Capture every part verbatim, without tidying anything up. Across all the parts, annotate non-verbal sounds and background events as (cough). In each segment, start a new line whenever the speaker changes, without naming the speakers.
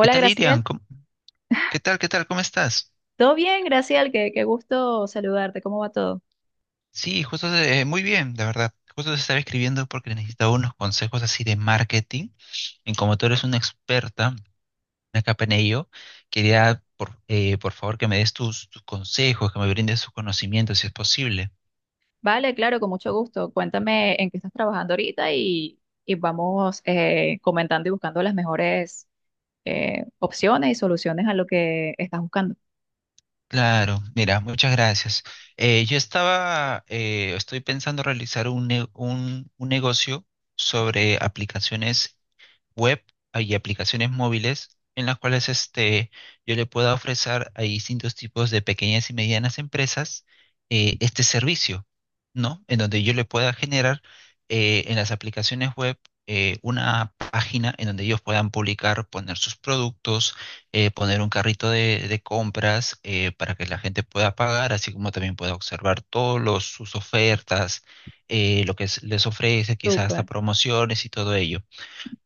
¿Qué tal, Irian?
Graciel.
¿Cómo- ¿Qué tal? ¿Qué tal? ¿Cómo estás?
¿Todo bien, Graciel? Qué, qué gusto saludarte. ¿Cómo va todo?
Sí, justo eh, muy bien, la verdad. Justo te estaba escribiendo porque necesitaba unos consejos así de marketing. Y como tú eres una experta, una capa en ello, quería, por, eh, por favor, que me des tus, tus consejos, que me brindes tus conocimientos, si es posible.
Vale, claro, con mucho gusto. Cuéntame en qué estás trabajando ahorita y, y vamos eh, comentando y buscando las mejores eh, opciones y soluciones a lo que estás buscando.
Claro, mira, muchas gracias. Eh, yo estaba, eh, estoy pensando realizar un, ne- un, un negocio sobre aplicaciones web ah, y aplicaciones móviles en las cuales este, yo le pueda ofrecer a distintos tipos de pequeñas y medianas empresas eh, este servicio, ¿no? En donde yo le pueda generar eh, en las aplicaciones web eh, una página en donde ellos puedan publicar, poner sus productos, eh, poner un carrito de, de compras eh, para que la gente pueda pagar, así como también pueda observar todos los, sus ofertas, eh, lo que es- les ofrece, quizás hasta
Súper.
promociones y todo ello.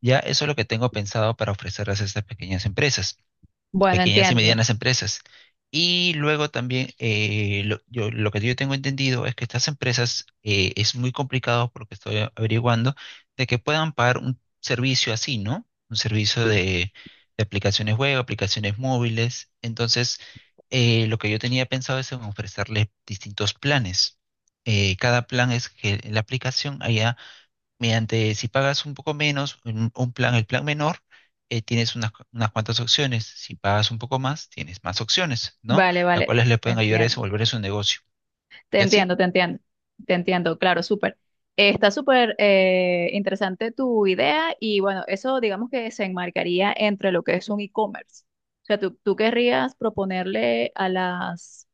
Ya eso es lo que tengo pensado para ofrecerles a estas pequeñas empresas,
Bueno,
pequeñas y
entiendo.
medianas empresas. Y luego también eh, lo, yo- lo que yo tengo entendido es que estas empresas eh, es muy complicado porque estoy a- averiguando de que puedan pagar un servicio así, ¿no? Un servicio de, de aplicaciones web, aplicaciones móviles. Entonces, eh, lo que yo tenía pensado es en ofrecerles distintos planes. Eh, cada plan es que en la aplicación haya mediante, si pagas un poco menos, un, un plan, el plan menor, eh, tienes unas, cu- unas cuantas opciones. Si pagas un poco más, tienes más opciones, ¿no?
Vale,
Las
vale,
cuales le pueden ayudar a
entiendo.
desenvolver su negocio.
Te
Y así,
entiendo, te entiendo, te entiendo, claro, súper. Eh, Está súper eh, interesante tu idea y bueno, eso digamos que se enmarcaría entre lo que es un e-commerce. O sea, tú, tú querrías proponerle a las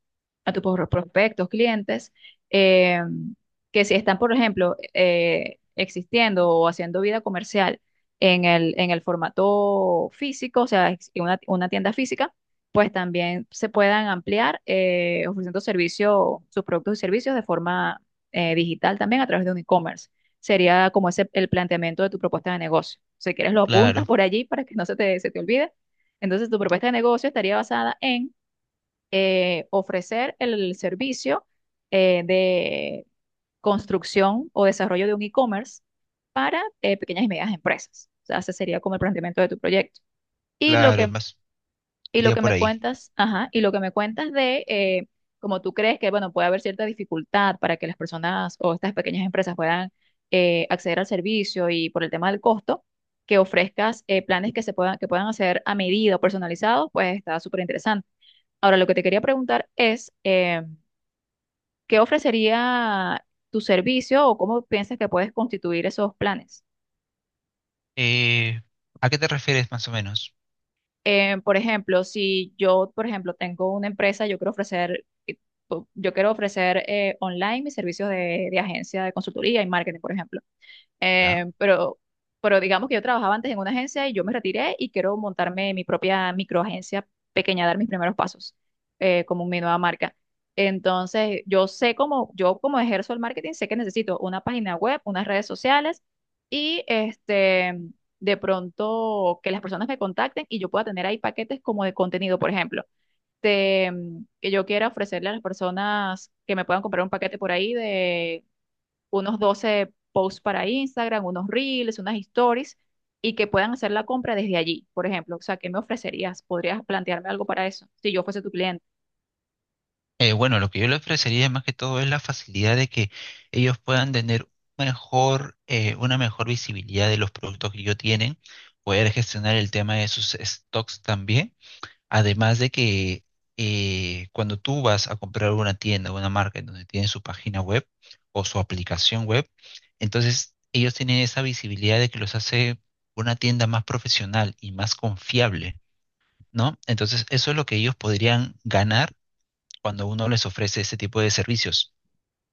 a tus pro- prospectos, clientes, eh, que si están, por ejemplo, eh, existiendo o haciendo vida comercial en el, en el formato físico, o sea, ex- en una, una tienda física, pues también se puedan ampliar eh, ofreciendo servicio, sus productos y servicios de forma eh, digital también a través de un e-commerce. Sería como ese el planteamiento de tu propuesta de negocio. Si quieres, lo apuntas
claro,
por allí para que no se te, se te olvide. Entonces, tu propuesta de negocio estaría basada en eh, ofrecer el servicio eh, de construcción o desarrollo de un e-commerce para eh, pequeñas y medianas empresas. O sea, ese sería como el planteamiento de tu proyecto. Y lo
claro, es
que,
más,
y lo
iría
que
por
me
ahí.
cuentas, ajá, y lo que me cuentas de eh, como tú crees que, bueno, puede haber cierta dificultad para que las personas o estas pequeñas empresas puedan eh, acceder al servicio y por el tema del costo, que ofrezcas eh, planes que se puedan, que puedan hacer a medida o personalizados, pues está súper interesante. Ahora, lo que te quería preguntar es, eh, ¿qué ofrecería tu servicio o cómo piensas que puedes constituir esos planes?
Eh, ¿a qué te refieres más o menos?
Eh, por ejemplo, si yo, por ejemplo, tengo una empresa, yo quiero ofrecer, eh, po- yo quiero ofrecer eh, online mis servicios de, de agencia de consultoría y marketing, por ejemplo.
¿Ya?
Eh, pero, pero digamos que yo trabajaba antes en una agencia y yo me retiré y quiero montarme mi propia microagencia pequeña, dar mis primeros pasos eh, como mi nueva marca. Entonces, yo sé cómo, yo como ejerzo el marketing, sé que necesito una página web, unas redes sociales y este, de pronto que las personas me contacten y yo pueda tener ahí paquetes como de contenido, por ejemplo. De, mm, que yo quiera ofrecerle a las personas que me puedan comprar un paquete por ahí de unos doce posts para Instagram, unos reels, unas stories, y que puedan hacer la compra desde allí, por ejemplo. O sea, ¿qué me ofrecerías? ¿Podrías plantearme algo para eso si yo fuese tu cliente?
Eh, bueno, lo que yo le ofrecería más que todo es la facilidad de que ellos puedan tener mejor, eh, una mejor visibilidad de los productos que ellos tienen, poder gestionar el tema de sus stocks también. Además de que eh, cuando tú vas a comprar una tienda o una marca en donde tienen su página web o su aplicación web, entonces ellos tienen esa visibilidad de que los hace una tienda más profesional y más confiable, ¿no? Entonces eso es lo que ellos podrían ganar cuando uno les ofrece ese tipo de servicios.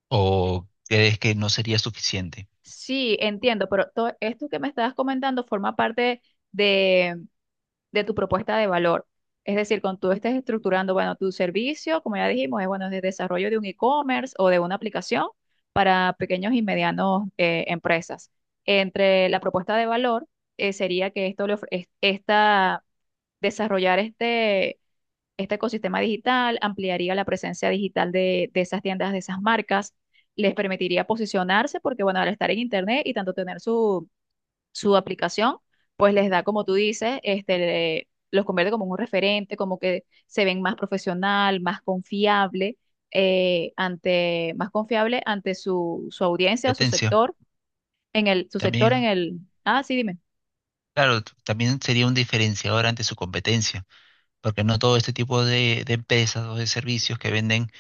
¿O crees que no sería suficiente?
Sí, entiendo, pero todo esto que me estabas comentando forma parte de, de tu propuesta de valor. Es decir, cuando tú estés estructurando, bueno, tu servicio, como ya dijimos, es bueno, de desarrollo de un e-commerce o de una aplicación para pequeños y medianos eh, empresas. Entre la propuesta de valor eh, sería que esto le ofre- es- esta desarrollar este, este ecosistema digital, ampliaría la presencia digital de, de esas tiendas, de esas marcas, les permitiría posicionarse porque, bueno, al estar en Internet y tanto tener su, su aplicación, pues les da, como tú dices, este, le- los convierte como un referente, como que se ven más profesional, más confiable, eh, ante, más confiable ante su, su audiencia o su
Competencia,
sector, en el, su sector en
también,
el... Ah, sí, dime.
claro, t- también sería un diferenciador ante su competencia. Porque no todo este tipo de, de empresas o de servicios que venden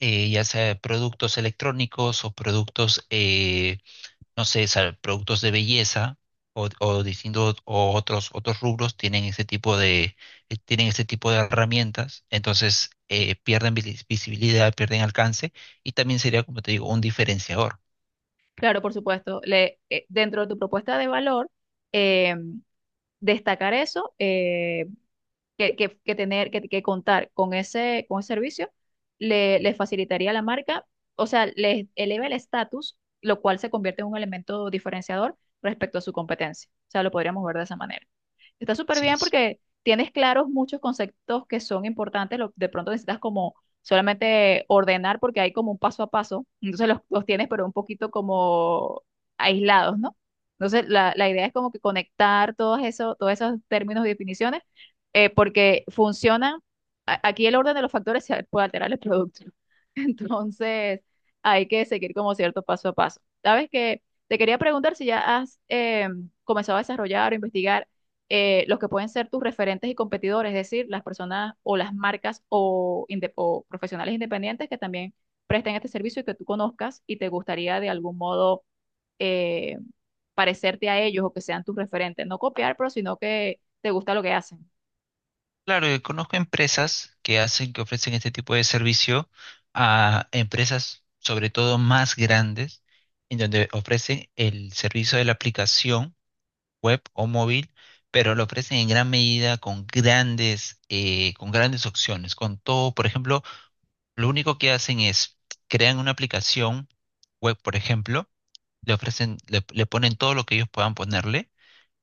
eh, ya sea productos electrónicos o productos, eh, no sé, sal- productos de belleza o, o distintos o otros otros rubros tienen ese tipo de eh, tienen ese tipo de herramientas, entonces eh, pierden vis- visibilidad, pierden alcance y también sería, como te digo, un diferenciador.
Claro, por supuesto. Le, eh, dentro de tu propuesta de valor, eh, destacar eso, eh, que, que- que tener, que, que contar con ese, con ese servicio, le, les facilitaría a la marca, o sea, les eleva el estatus, lo cual se convierte en un elemento diferenciador respecto a su competencia. O sea, lo podríamos ver de esa manera. Está súper
Así
bien
es.
porque tienes claros muchos conceptos que son importantes. Lo- de pronto necesitas como solamente ordenar porque hay como un paso a paso. Entonces los, los tienes pero un poquito como aislados, ¿no? Entonces la, la idea es como que conectar todos esos, todos esos términos y definiciones eh, porque funcionan. a- Aquí el orden de los factores se puede alterar el producto. (laughs) Entonces hay que seguir como cierto paso a paso. ¿Sabes que te quería preguntar si ya has... em, comenzado a desarrollar o investigar eh, los que pueden ser tus referentes y competidores, es decir, las personas o las marcas o, inde- o profesionales independientes que también presten este servicio y que tú conozcas y te gustaría de algún modo eh, parecerte a ellos o que sean tus referentes. No copiar, pero sino que te gusta lo que hacen.
Claro, eh, conozco empresas que hacen, que ofrecen este tipo de servicio a empresas, sobre todo más grandes, en donde ofrecen el servicio de la aplicación web o móvil, pero lo ofrecen en gran medida con grandes, eh, con grandes opciones, con todo. Por ejemplo, lo único que hacen es crean una aplicación web, por ejemplo, le ofrecen, le, le ponen todo lo que ellos puedan ponerle,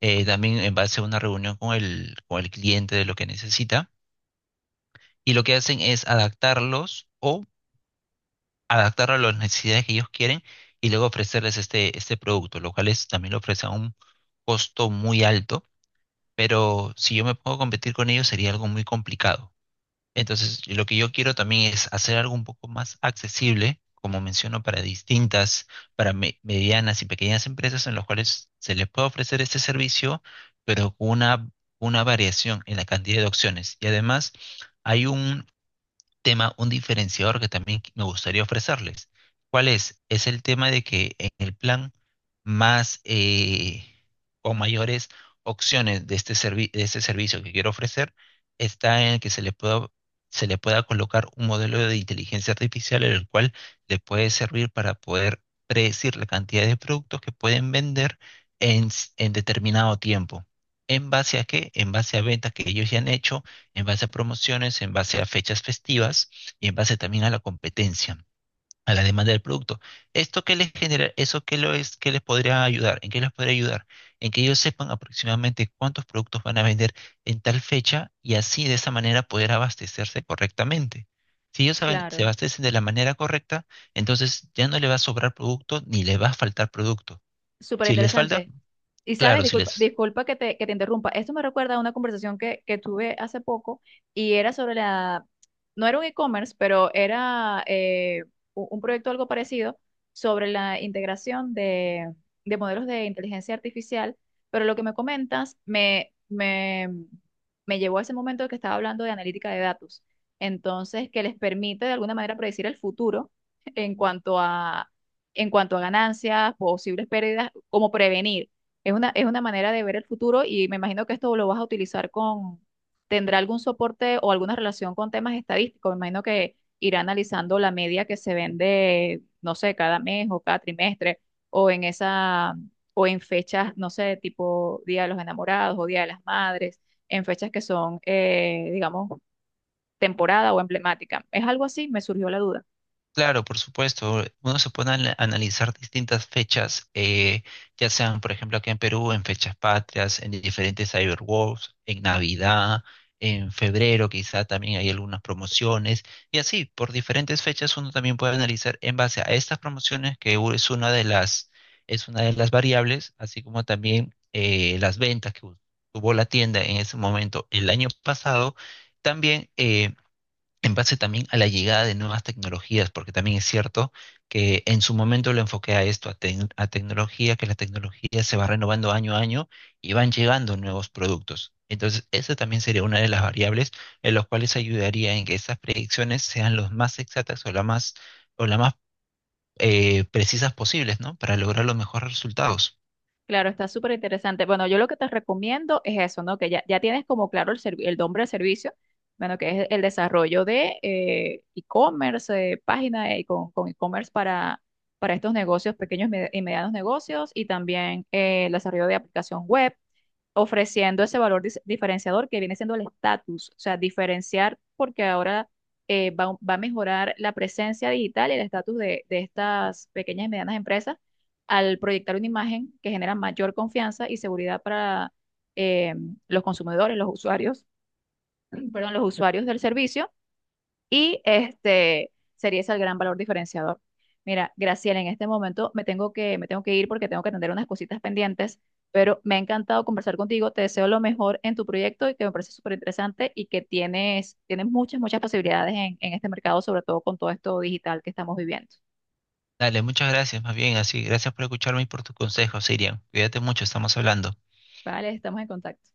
eh, también en base a una reunión con el, con el cliente de lo que necesita, y lo que hacen es adaptarlos o adaptarlo a las necesidades que ellos quieren y luego ofrecerles este, este producto, lo cual es, también lo ofrece a un costo muy alto, pero si yo me pongo a competir con ellos sería algo muy complicado. Entonces, lo que yo quiero también es hacer algo un poco más accesible, como menciono, para distintas, para me- medianas y pequeñas empresas en las cuales se les puede ofrecer este servicio, pero con una, una variación en la cantidad de opciones. Y además, hay un tema, un diferenciador que también me gustaría ofrecerles. ¿Cuál es? Es el tema de que en el plan más eh, o mayores opciones de este, servi- de este servicio que quiero ofrecer está en que se le pueda, se le pueda colocar un modelo de inteligencia artificial en el cual le puede servir para poder predecir la cantidad de productos que pueden vender en, s- en determinado tiempo. ¿En base a qué? En base a ventas que ellos ya han hecho, en base a promociones, en base a fechas festivas y en base también a la competencia, a la demanda del producto. ¿Esto qué les genera? ¿Eso qué lo es, qué les podría ayudar? ¿En qué les podría ayudar? En que ellos sepan aproximadamente cuántos productos van a vender en tal fecha y así de esa manera poder abastecerse correctamente. Si ellos saben- se
Claro.
abastecen de la manera correcta, entonces ya no le va a sobrar producto ni le va a faltar producto.
Súper
Si les falta,
interesante. Y sabes,
claro, si
disculpa,
les
disculpa que te, que te interrumpa. Esto me recuerda a una conversación que, que tuve hace poco y era sobre la, no era un e-commerce, pero era eh, u- un proyecto algo parecido sobre la integración de, de modelos de inteligencia artificial. Pero lo que me comentas me, me, me llevó a ese momento que estaba hablando de analítica de datos. Entonces, que les permite de alguna manera predecir el futuro en cuanto a, en cuanto a ganancias, posibles pérdidas, como prevenir. Es una, es una manera de ver el futuro y me imagino que esto lo vas a utilizar con, tendrá algún soporte o alguna relación con temas estadísticos. Me imagino que irá analizando la media que se vende, no sé, cada mes o cada trimestre o en esa, o en fechas, no sé, tipo Día de los Enamorados o Día de las Madres, en fechas que son, eh, digamos, temporada o emblemática. ¿Es algo así? Me surgió la duda.
claro, por supuesto. Uno se pone a ana- analizar distintas fechas, eh, ya sean, por ejemplo, aquí en Perú, en fechas patrias, en diferentes Cyberwars, en Navidad, en febrero, quizá también hay algunas promociones. Y así, por diferentes fechas, uno también puede analizar en base a estas promociones, que u- es una de las, es una de las variables, así como también eh, las ventas que u- tuvo la tienda en ese momento el año pasado. También eh, en base también a la llegada de nuevas tecnologías, porque también es cierto que en su momento lo enfoqué a esto, a, tec- a tecnología, que la tecnología se va renovando año a año y van llegando nuevos productos. Entonces, esa también sería una de las variables en las cuales ayudaría en que esas predicciones sean las más exactas o las más, o las más eh, precisas posibles, ¿no? Para lograr los mejores resultados.
Claro, está súper interesante. Bueno, yo lo que te recomiendo es eso, ¿no? Que ya, ya tienes como claro el, servi- el nombre del servicio, bueno, que es el desarrollo de eh, e-commerce, eh, página eh, con, con e-commerce para, para estos negocios, pequeños y med- y medianos negocios, y también eh, el desarrollo de aplicación web ofreciendo ese valor dis- diferenciador que viene siendo el estatus, o sea, diferenciar porque ahora eh, va, va a mejorar la presencia digital y el estatus de, de estas pequeñas y medianas empresas al proyectar una imagen que genera mayor confianza y seguridad para eh, los consumidores, los usuarios, (clears throat) perdón, los usuarios del servicio y este sería ese el gran valor diferenciador. Mira, Graciela, en este momento me tengo que, me tengo que ir porque tengo que atender unas cositas pendientes, pero me ha encantado conversar contigo. Te deseo lo mejor en tu proyecto y que me parece súper interesante y que tienes, tienes muchas, muchas posibilidades en, en este mercado, sobre todo con todo esto digital que estamos viviendo.
Dale, muchas gracias, más bien así. Gracias por escucharme y por tus consejos, Sirian. Cuídate mucho, estamos hablando.
Vale, estamos en contacto.